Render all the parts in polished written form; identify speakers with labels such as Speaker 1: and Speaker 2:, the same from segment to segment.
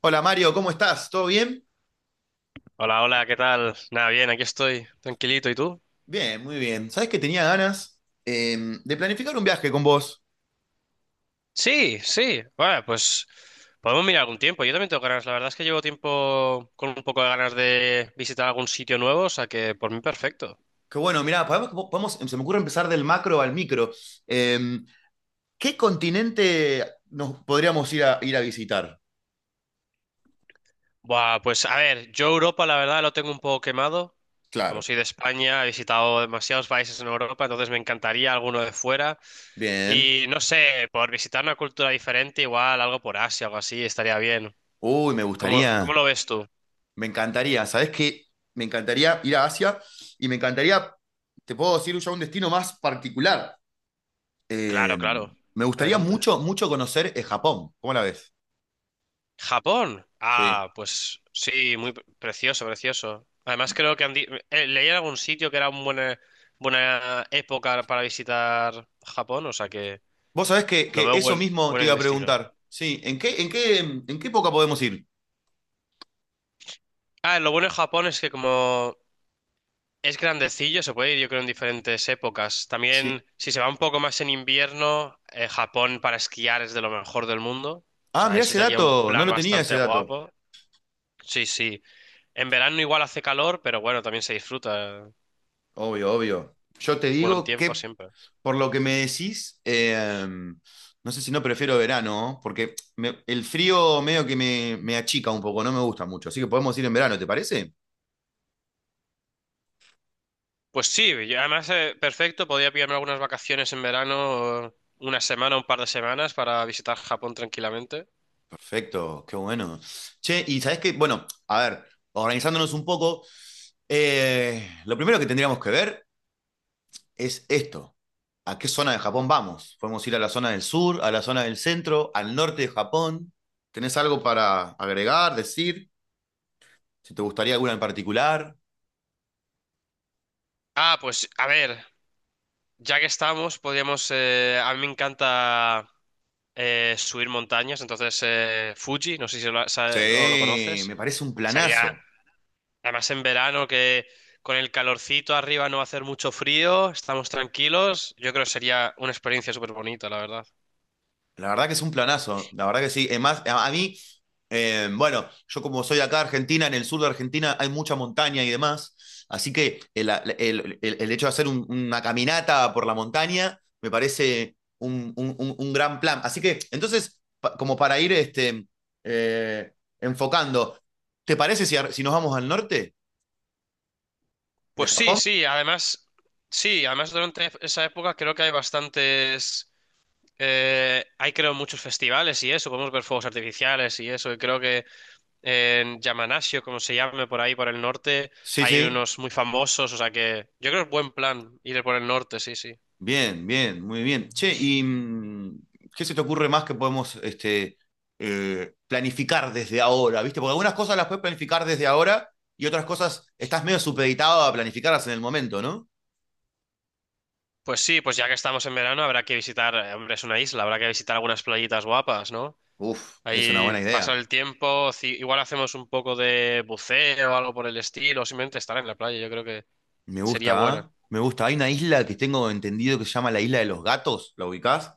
Speaker 1: Hola, Mario, ¿cómo estás? ¿Todo bien?
Speaker 2: Hola, hola, ¿qué tal? Nada, bien, aquí estoy, tranquilito. ¿Y tú?
Speaker 1: Bien, muy bien. ¿Sabés que tenía ganas eh, de planificar un viaje con vos?
Speaker 2: Sí, sí. Bueno, pues podemos mirar algún tiempo. Yo también tengo ganas. La verdad es que llevo tiempo con un poco de ganas de visitar algún sitio nuevo, o sea que por mí perfecto.
Speaker 1: Que bueno. Mirá, se me ocurre empezar del macro al micro. Eh, ¿Qué continente nos podríamos ir a visitar?
Speaker 2: Buah, pues a ver, yo Europa la verdad lo tengo un poco quemado. Como
Speaker 1: Claro.
Speaker 2: soy de España, he visitado demasiados países en Europa, entonces me encantaría alguno de fuera.
Speaker 1: Bien.
Speaker 2: Y no sé, por visitar una cultura diferente, igual algo por Asia, algo así, estaría bien.
Speaker 1: Uy, me
Speaker 2: ¿Cómo
Speaker 1: gustaría,
Speaker 2: lo ves tú?
Speaker 1: me encantaría. ¿Sabés qué? Me encantaría ir a Asia y me encantaría, te puedo decir ya un destino más particular.
Speaker 2: Claro,
Speaker 1: Eh,
Speaker 2: claro.
Speaker 1: me gustaría
Speaker 2: Adelante.
Speaker 1: mucho, mucho conocer Japón. ¿Cómo la ves?
Speaker 2: Japón.
Speaker 1: Sí.
Speaker 2: Ah, pues sí, muy precioso, precioso. Además creo que leí en algún sitio que era una buena, buena época para visitar Japón, o sea que
Speaker 1: Vos sabés
Speaker 2: lo
Speaker 1: que
Speaker 2: veo
Speaker 1: eso
Speaker 2: buen,
Speaker 1: mismo te
Speaker 2: buen
Speaker 1: iba a
Speaker 2: destino.
Speaker 1: preguntar. Sí, en qué época podemos ir?
Speaker 2: Ah, lo bueno de Japón es que como es grandecillo, se puede ir yo creo en diferentes épocas.
Speaker 1: Sí.
Speaker 2: También si se va un poco más en invierno, Japón para esquiar es de lo mejor del mundo. O
Speaker 1: Ah,
Speaker 2: sea,
Speaker 1: mirá
Speaker 2: eso
Speaker 1: ese
Speaker 2: sería un
Speaker 1: dato, no
Speaker 2: plan
Speaker 1: lo tenía ese
Speaker 2: bastante
Speaker 1: dato.
Speaker 2: guapo. Sí, sí. En verano igual hace calor, pero bueno, también se disfruta.
Speaker 1: Obvio, obvio. Yo te
Speaker 2: Buen
Speaker 1: digo
Speaker 2: tiempo
Speaker 1: que
Speaker 2: siempre.
Speaker 1: por lo que me decís, no sé si no prefiero verano, ¿no? Porque el frío medio que me achica un poco, no me gusta mucho. Así que podemos ir en verano, ¿te parece?
Speaker 2: Pues sí, y además perfecto, podría pillarme algunas vacaciones en verano, una semana, un par de semanas para visitar Japón tranquilamente.
Speaker 1: Perfecto, qué bueno. Che, y sabés que, bueno, a ver, organizándonos un poco, lo primero que tendríamos que ver es esto. ¿A qué zona de Japón vamos? Podemos ir a la zona del sur, a la zona del centro, al norte de Japón. ¿Tenés algo para agregar, decir? Si te gustaría alguna en particular.
Speaker 2: Ah, pues a ver, ya que estamos, podríamos, a mí me encanta subir montañas, entonces Fuji, no sé si lo, o lo
Speaker 1: Sí,
Speaker 2: conoces,
Speaker 1: me parece un
Speaker 2: sería,
Speaker 1: planazo.
Speaker 2: además en verano que con el calorcito arriba no va a hacer mucho frío, estamos tranquilos, yo creo que sería una experiencia súper bonita, la verdad.
Speaker 1: La verdad que es un planazo, la verdad que sí. Además, a mí, bueno, yo como soy acá Argentina, en el sur de Argentina hay mucha montaña y demás, así que el hecho de hacer una caminata por la montaña me parece un gran plan. Así que entonces, como para ir este, eh, enfocando, ¿te parece si, si nos vamos al norte de
Speaker 2: Pues sí,
Speaker 1: Japón?
Speaker 2: sí, además durante esa época creo que hay bastantes, hay creo muchos festivales y eso, podemos ver fuegos artificiales y eso, y creo que en Yamanasio, como se llame por ahí, por el norte,
Speaker 1: Sí,
Speaker 2: hay
Speaker 1: sí.
Speaker 2: unos muy famosos, o sea que yo creo que es buen plan ir por el norte, sí, sí.
Speaker 1: Bien, bien, muy bien. Che, ¿y qué se te ocurre más que podemos este, planificar desde ahora? ¿Viste? Porque algunas cosas las puedes planificar desde ahora y otras cosas estás medio supeditado a planificarlas en el momento, ¿no?
Speaker 2: Pues sí, pues ya que estamos en verano habrá que visitar, hombre, es una isla, habrá que visitar algunas playitas guapas, ¿no?
Speaker 1: Uf, es una
Speaker 2: Ahí
Speaker 1: buena idea.
Speaker 2: pasar el tiempo, igual hacemos un poco de buceo o algo por el estilo, o simplemente estar en la playa, yo creo que...
Speaker 1: Me gusta,
Speaker 2: Sería buena.
Speaker 1: ¿ah? Me gusta. Hay una isla que tengo entendido que se llama la Isla de los Gatos, ¿la ubicás?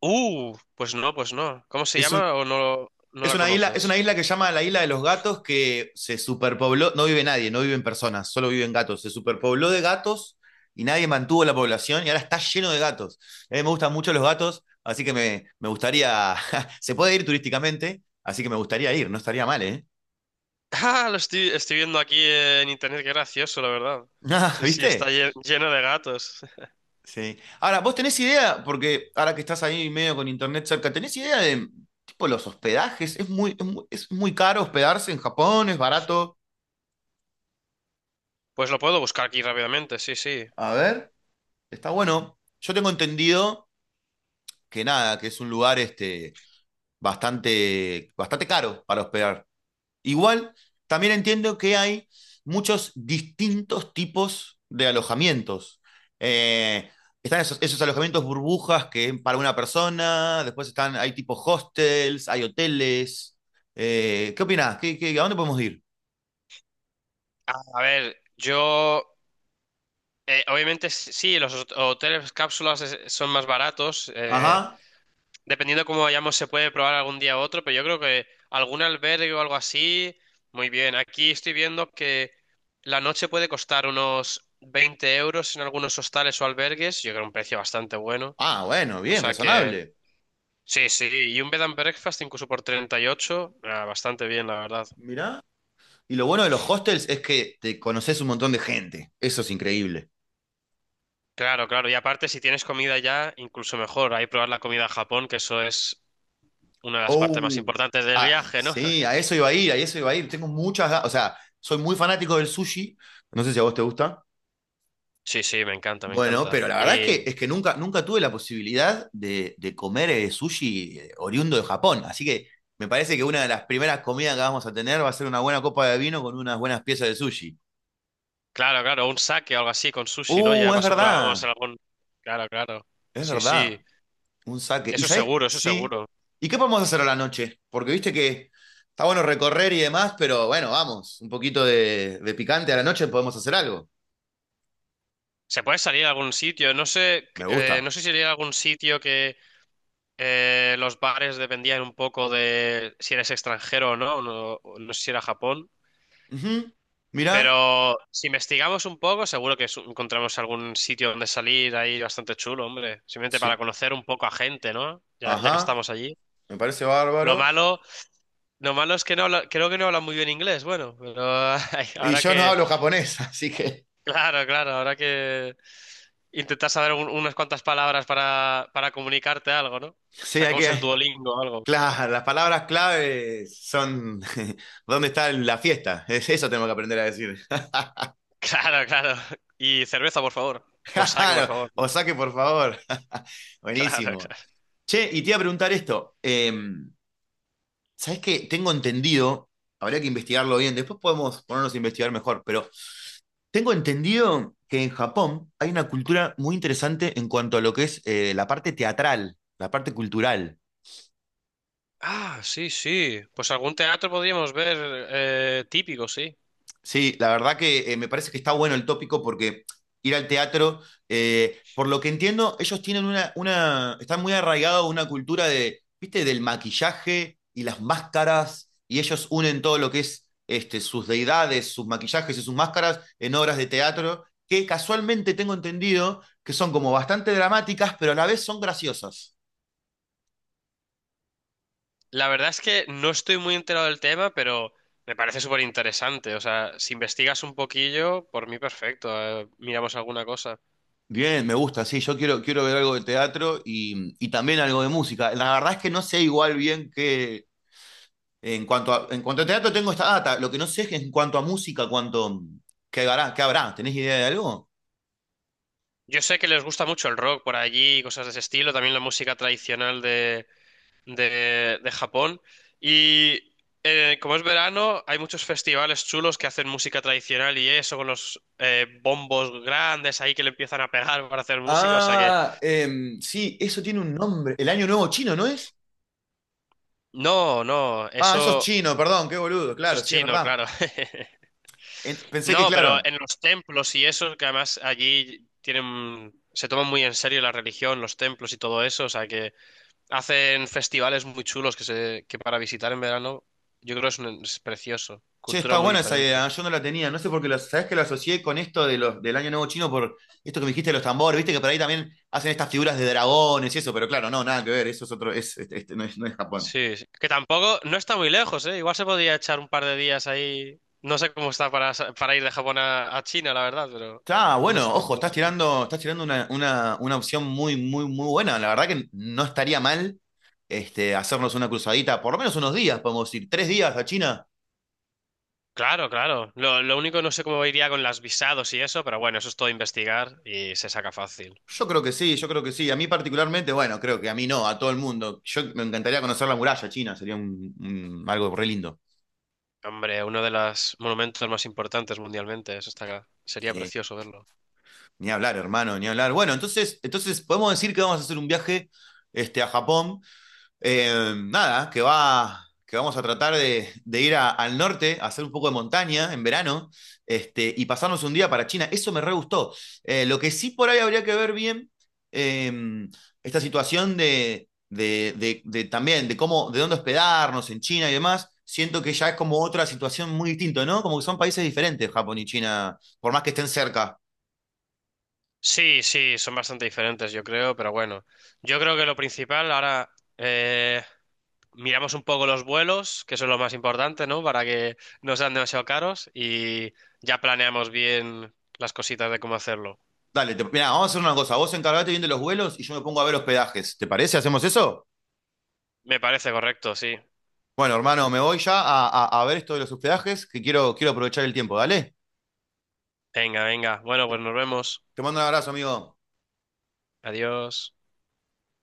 Speaker 2: Pues no, pues no. ¿Cómo se
Speaker 1: Es un,
Speaker 2: llama o no, no la
Speaker 1: Es una
Speaker 2: conoces?
Speaker 1: isla que se llama la Isla de los Gatos, que se superpobló, no vive nadie, no viven personas, solo viven gatos. Se superpobló de gatos y nadie mantuvo la población y ahora está lleno de gatos. A mí me gustan mucho los gatos, así que me gustaría, se puede ir turísticamente, así que me gustaría ir, no estaría mal, ¿eh?
Speaker 2: Ah, estoy viendo aquí en internet, qué gracioso, la verdad. Sí, sí, está
Speaker 1: ¿Viste?
Speaker 2: lleno de gatos.
Speaker 1: Sí. Ahora, ¿vos tenés idea? Porque ahora que estás ahí medio con internet cerca, ¿tenés idea de tipo los hospedajes? ¿Es es muy caro hospedarse en Japón? ¿Es barato?
Speaker 2: Pues lo puedo buscar aquí rápidamente, sí, sí.
Speaker 1: A ver. Está bueno. Yo tengo entendido que nada, que es un lugar este, bastante, bastante caro para hospedar. Igual, también entiendo que hay muchos distintos tipos de alojamientos. Eh, están esos, esos alojamientos burbujas que es para una persona, después están, hay tipos hostels, hay hoteles. ¿Qué opinás? A dónde podemos ir?
Speaker 2: A ver, yo... obviamente sí, los hoteles cápsulas son más baratos, eh.
Speaker 1: Ajá.
Speaker 2: Dependiendo de cómo vayamos, se puede probar algún día u otro, pero yo creo que algún albergue o algo así, muy bien. Aquí estoy viendo que la noche puede costar unos 20 euros en algunos hostales o albergues. Yo creo un precio bastante bueno.
Speaker 1: Ah, bueno,
Speaker 2: O
Speaker 1: bien,
Speaker 2: sea que,
Speaker 1: razonable.
Speaker 2: sí, sí. Y un bed and breakfast incluso por 38, ah, bastante bien, la verdad.
Speaker 1: Mirá. Y lo bueno de los hostels es que te conoces un montón de gente. Eso es increíble.
Speaker 2: Claro, claro. Y aparte, si tienes comida ya, incluso mejor. Ahí probar la comida a Japón, que eso es una de las partes más
Speaker 1: Oh,
Speaker 2: importantes del
Speaker 1: ah,
Speaker 2: viaje, ¿no?
Speaker 1: sí, a eso iba a ir, a eso iba a ir. Tengo muchas, o sea, soy muy fanático del sushi. No sé si a vos te gusta.
Speaker 2: Sí, sí, me encanta, me
Speaker 1: Bueno,
Speaker 2: encanta.
Speaker 1: pero la verdad es que nunca, nunca tuve la posibilidad de comer sushi oriundo de Japón. Así que me parece que una de las primeras comidas que vamos a tener va a ser una buena copa de vino con unas buenas piezas de sushi.
Speaker 2: Claro, claro, un saque o algo así con sushi, ¿no? Ya
Speaker 1: Es
Speaker 2: pasó probamos
Speaker 1: verdad,
Speaker 2: en algún. Claro, claro.
Speaker 1: es
Speaker 2: Sí,
Speaker 1: verdad.
Speaker 2: sí.
Speaker 1: Un saque. ¿Y
Speaker 2: Eso
Speaker 1: sabés qué?
Speaker 2: seguro, eso
Speaker 1: Sí.
Speaker 2: seguro.
Speaker 1: ¿Y qué podemos hacer a la noche? Porque viste que está bueno recorrer y demás, pero bueno, vamos, un poquito de picante a la noche podemos hacer algo.
Speaker 2: Se puede salir a algún sitio. No sé,
Speaker 1: Me gusta.
Speaker 2: no sé si sería algún sitio que los bares dependían un poco de si eres extranjero o no. No, no sé si era Japón.
Speaker 1: Ujú. Mirá.
Speaker 2: Pero si investigamos un poco, seguro que encontramos algún sitio donde salir ahí bastante chulo, hombre. Simplemente para
Speaker 1: Sí.
Speaker 2: conocer un poco a gente, ¿no? Ya, ya que
Speaker 1: Ajá.
Speaker 2: estamos allí.
Speaker 1: Me parece
Speaker 2: Lo
Speaker 1: bárbaro.
Speaker 2: malo. Lo malo es que creo que no habla muy bien inglés, bueno, pero ay,
Speaker 1: Y
Speaker 2: ahora
Speaker 1: yo no
Speaker 2: que,
Speaker 1: hablo japonés, así que.
Speaker 2: claro, claro, ahora que intentas saber unas cuantas palabras para comunicarte algo, ¿no?
Speaker 1: Sí, hay
Speaker 2: Sacamos el
Speaker 1: que.
Speaker 2: Duolingo o algo.
Speaker 1: Claro, las palabras clave son ¿dónde está la fiesta? Eso tenemos que aprender a decir.
Speaker 2: Claro, claro. Y cerveza, por favor. O saque,
Speaker 1: Claro,
Speaker 2: por favor.
Speaker 1: o saque, por favor.
Speaker 2: Claro,
Speaker 1: Buenísimo.
Speaker 2: claro.
Speaker 1: Che, y te iba a preguntar esto. ¿Sabes qué? Tengo entendido, habría que investigarlo bien, después podemos ponernos a investigar mejor, pero tengo entendido que en Japón hay una cultura muy interesante en cuanto a lo que es la parte teatral, la parte cultural.
Speaker 2: Ah, sí, sí. Pues algún teatro podríamos ver típico, sí.
Speaker 1: Sí, la verdad que me parece que está bueno el tópico porque ir al teatro, por lo que entiendo, ellos tienen están muy arraigados a una cultura de, viste, del maquillaje y las máscaras, y ellos unen todo lo que es este, sus deidades, sus maquillajes y sus máscaras en obras de teatro, que casualmente tengo entendido que son como bastante dramáticas, pero a la vez son graciosas.
Speaker 2: La verdad es que no estoy muy enterado del tema, pero me parece súper interesante. O sea, si investigas un poquillo, por mí perfecto. Miramos alguna cosa.
Speaker 1: Bien, me gusta, sí, yo quiero, quiero ver algo de teatro y también algo de música. La verdad es que no sé igual bien qué. En cuanto en cuanto a teatro tengo esta data. Lo que no sé es que en cuanto a música, cuánto, qué habrá, qué habrá. ¿Tenés idea de algo?
Speaker 2: Yo sé que les gusta mucho el rock por allí, y cosas de ese estilo, también la música tradicional de Japón. Y como es verano, hay muchos festivales chulos que hacen música tradicional y eso, con los bombos grandes ahí que le empiezan a pegar para hacer música. O sea que,
Speaker 1: Ah, sí, eso tiene un nombre. El Año Nuevo Chino, ¿no es?
Speaker 2: no, no,
Speaker 1: Ah, eso es
Speaker 2: eso,
Speaker 1: chino, perdón, qué boludo,
Speaker 2: eso
Speaker 1: claro,
Speaker 2: es
Speaker 1: sí, es
Speaker 2: chino,
Speaker 1: verdad.
Speaker 2: claro.
Speaker 1: Pensé que,
Speaker 2: No, pero
Speaker 1: claro,
Speaker 2: en los templos y eso, que además allí tienen, se toman muy en serio la religión, los templos y todo eso, o sea que... Hacen festivales muy chulos que, se, que para visitar en verano yo creo que es, es precioso.
Speaker 1: che,
Speaker 2: Cultura
Speaker 1: está
Speaker 2: muy
Speaker 1: buena esa
Speaker 2: diferente.
Speaker 1: idea, yo no la tenía, no sé por qué, sabés que lo asocié con esto de los, del Año Nuevo Chino por esto que me dijiste de los tambores, viste que por ahí también hacen estas figuras de dragones y eso, pero claro, no, nada que ver, eso es otro, es, este no es, no es Japón.
Speaker 2: Sí, sí. Que tampoco, no está muy lejos, ¿eh? Igual se podría echar un par de días ahí. No sé cómo está para, para ir de Japón a China, la verdad, pero
Speaker 1: Está
Speaker 2: no está
Speaker 1: bueno, ojo,
Speaker 2: tampoco tan mal.
Speaker 1: estás tirando una opción muy, muy, muy buena. La verdad que no estaría mal este, hacernos una cruzadita, por lo menos unos días, podemos ir, 3 días a China.
Speaker 2: Claro, claro. Lo único no sé cómo iría con las visados y eso, pero bueno, eso es todo investigar y se saca fácil.
Speaker 1: Yo creo que sí, yo creo que sí. A mí particularmente, bueno, creo que a mí no, a todo el mundo. Yo me encantaría conocer la muralla china, sería algo re lindo.
Speaker 2: Hombre, uno de los monumentos más importantes mundialmente, eso está claro. Sería
Speaker 1: Sí.
Speaker 2: precioso verlo.
Speaker 1: Ni hablar, hermano, ni hablar. Bueno, entonces podemos decir que vamos a hacer un viaje este, a Japón. Nada, que vamos a tratar de ir al norte, a hacer un poco de montaña en verano, este, y pasarnos un día para China. Eso me re gustó. Lo que sí por ahí habría que ver bien, eh, esta situación de también, de dónde hospedarnos en China y demás. Siento que ya es como otra situación muy distinta, ¿no? Como que son países diferentes, Japón y China, por más que estén cerca.
Speaker 2: Sí, sí, son bastante diferentes, yo creo, pero bueno, yo creo que lo principal ahora eh, miramos un poco los vuelos, que eso es lo más importante, ¿no? Para que no sean demasiado caros y ya planeamos bien las cositas de cómo hacerlo.
Speaker 1: Dale, mirá, vamos a hacer una cosa. Vos encargate bien de los vuelos y yo me pongo a ver hospedajes. ¿Te parece? ¿Hacemos eso?
Speaker 2: Me parece correcto, sí.
Speaker 1: Bueno, hermano, me voy ya a ver esto de los hospedajes, que quiero, quiero aprovechar el tiempo. Dale,
Speaker 2: Venga, venga. Bueno, pues nos vemos.
Speaker 1: te mando un abrazo, amigo.
Speaker 2: Adiós.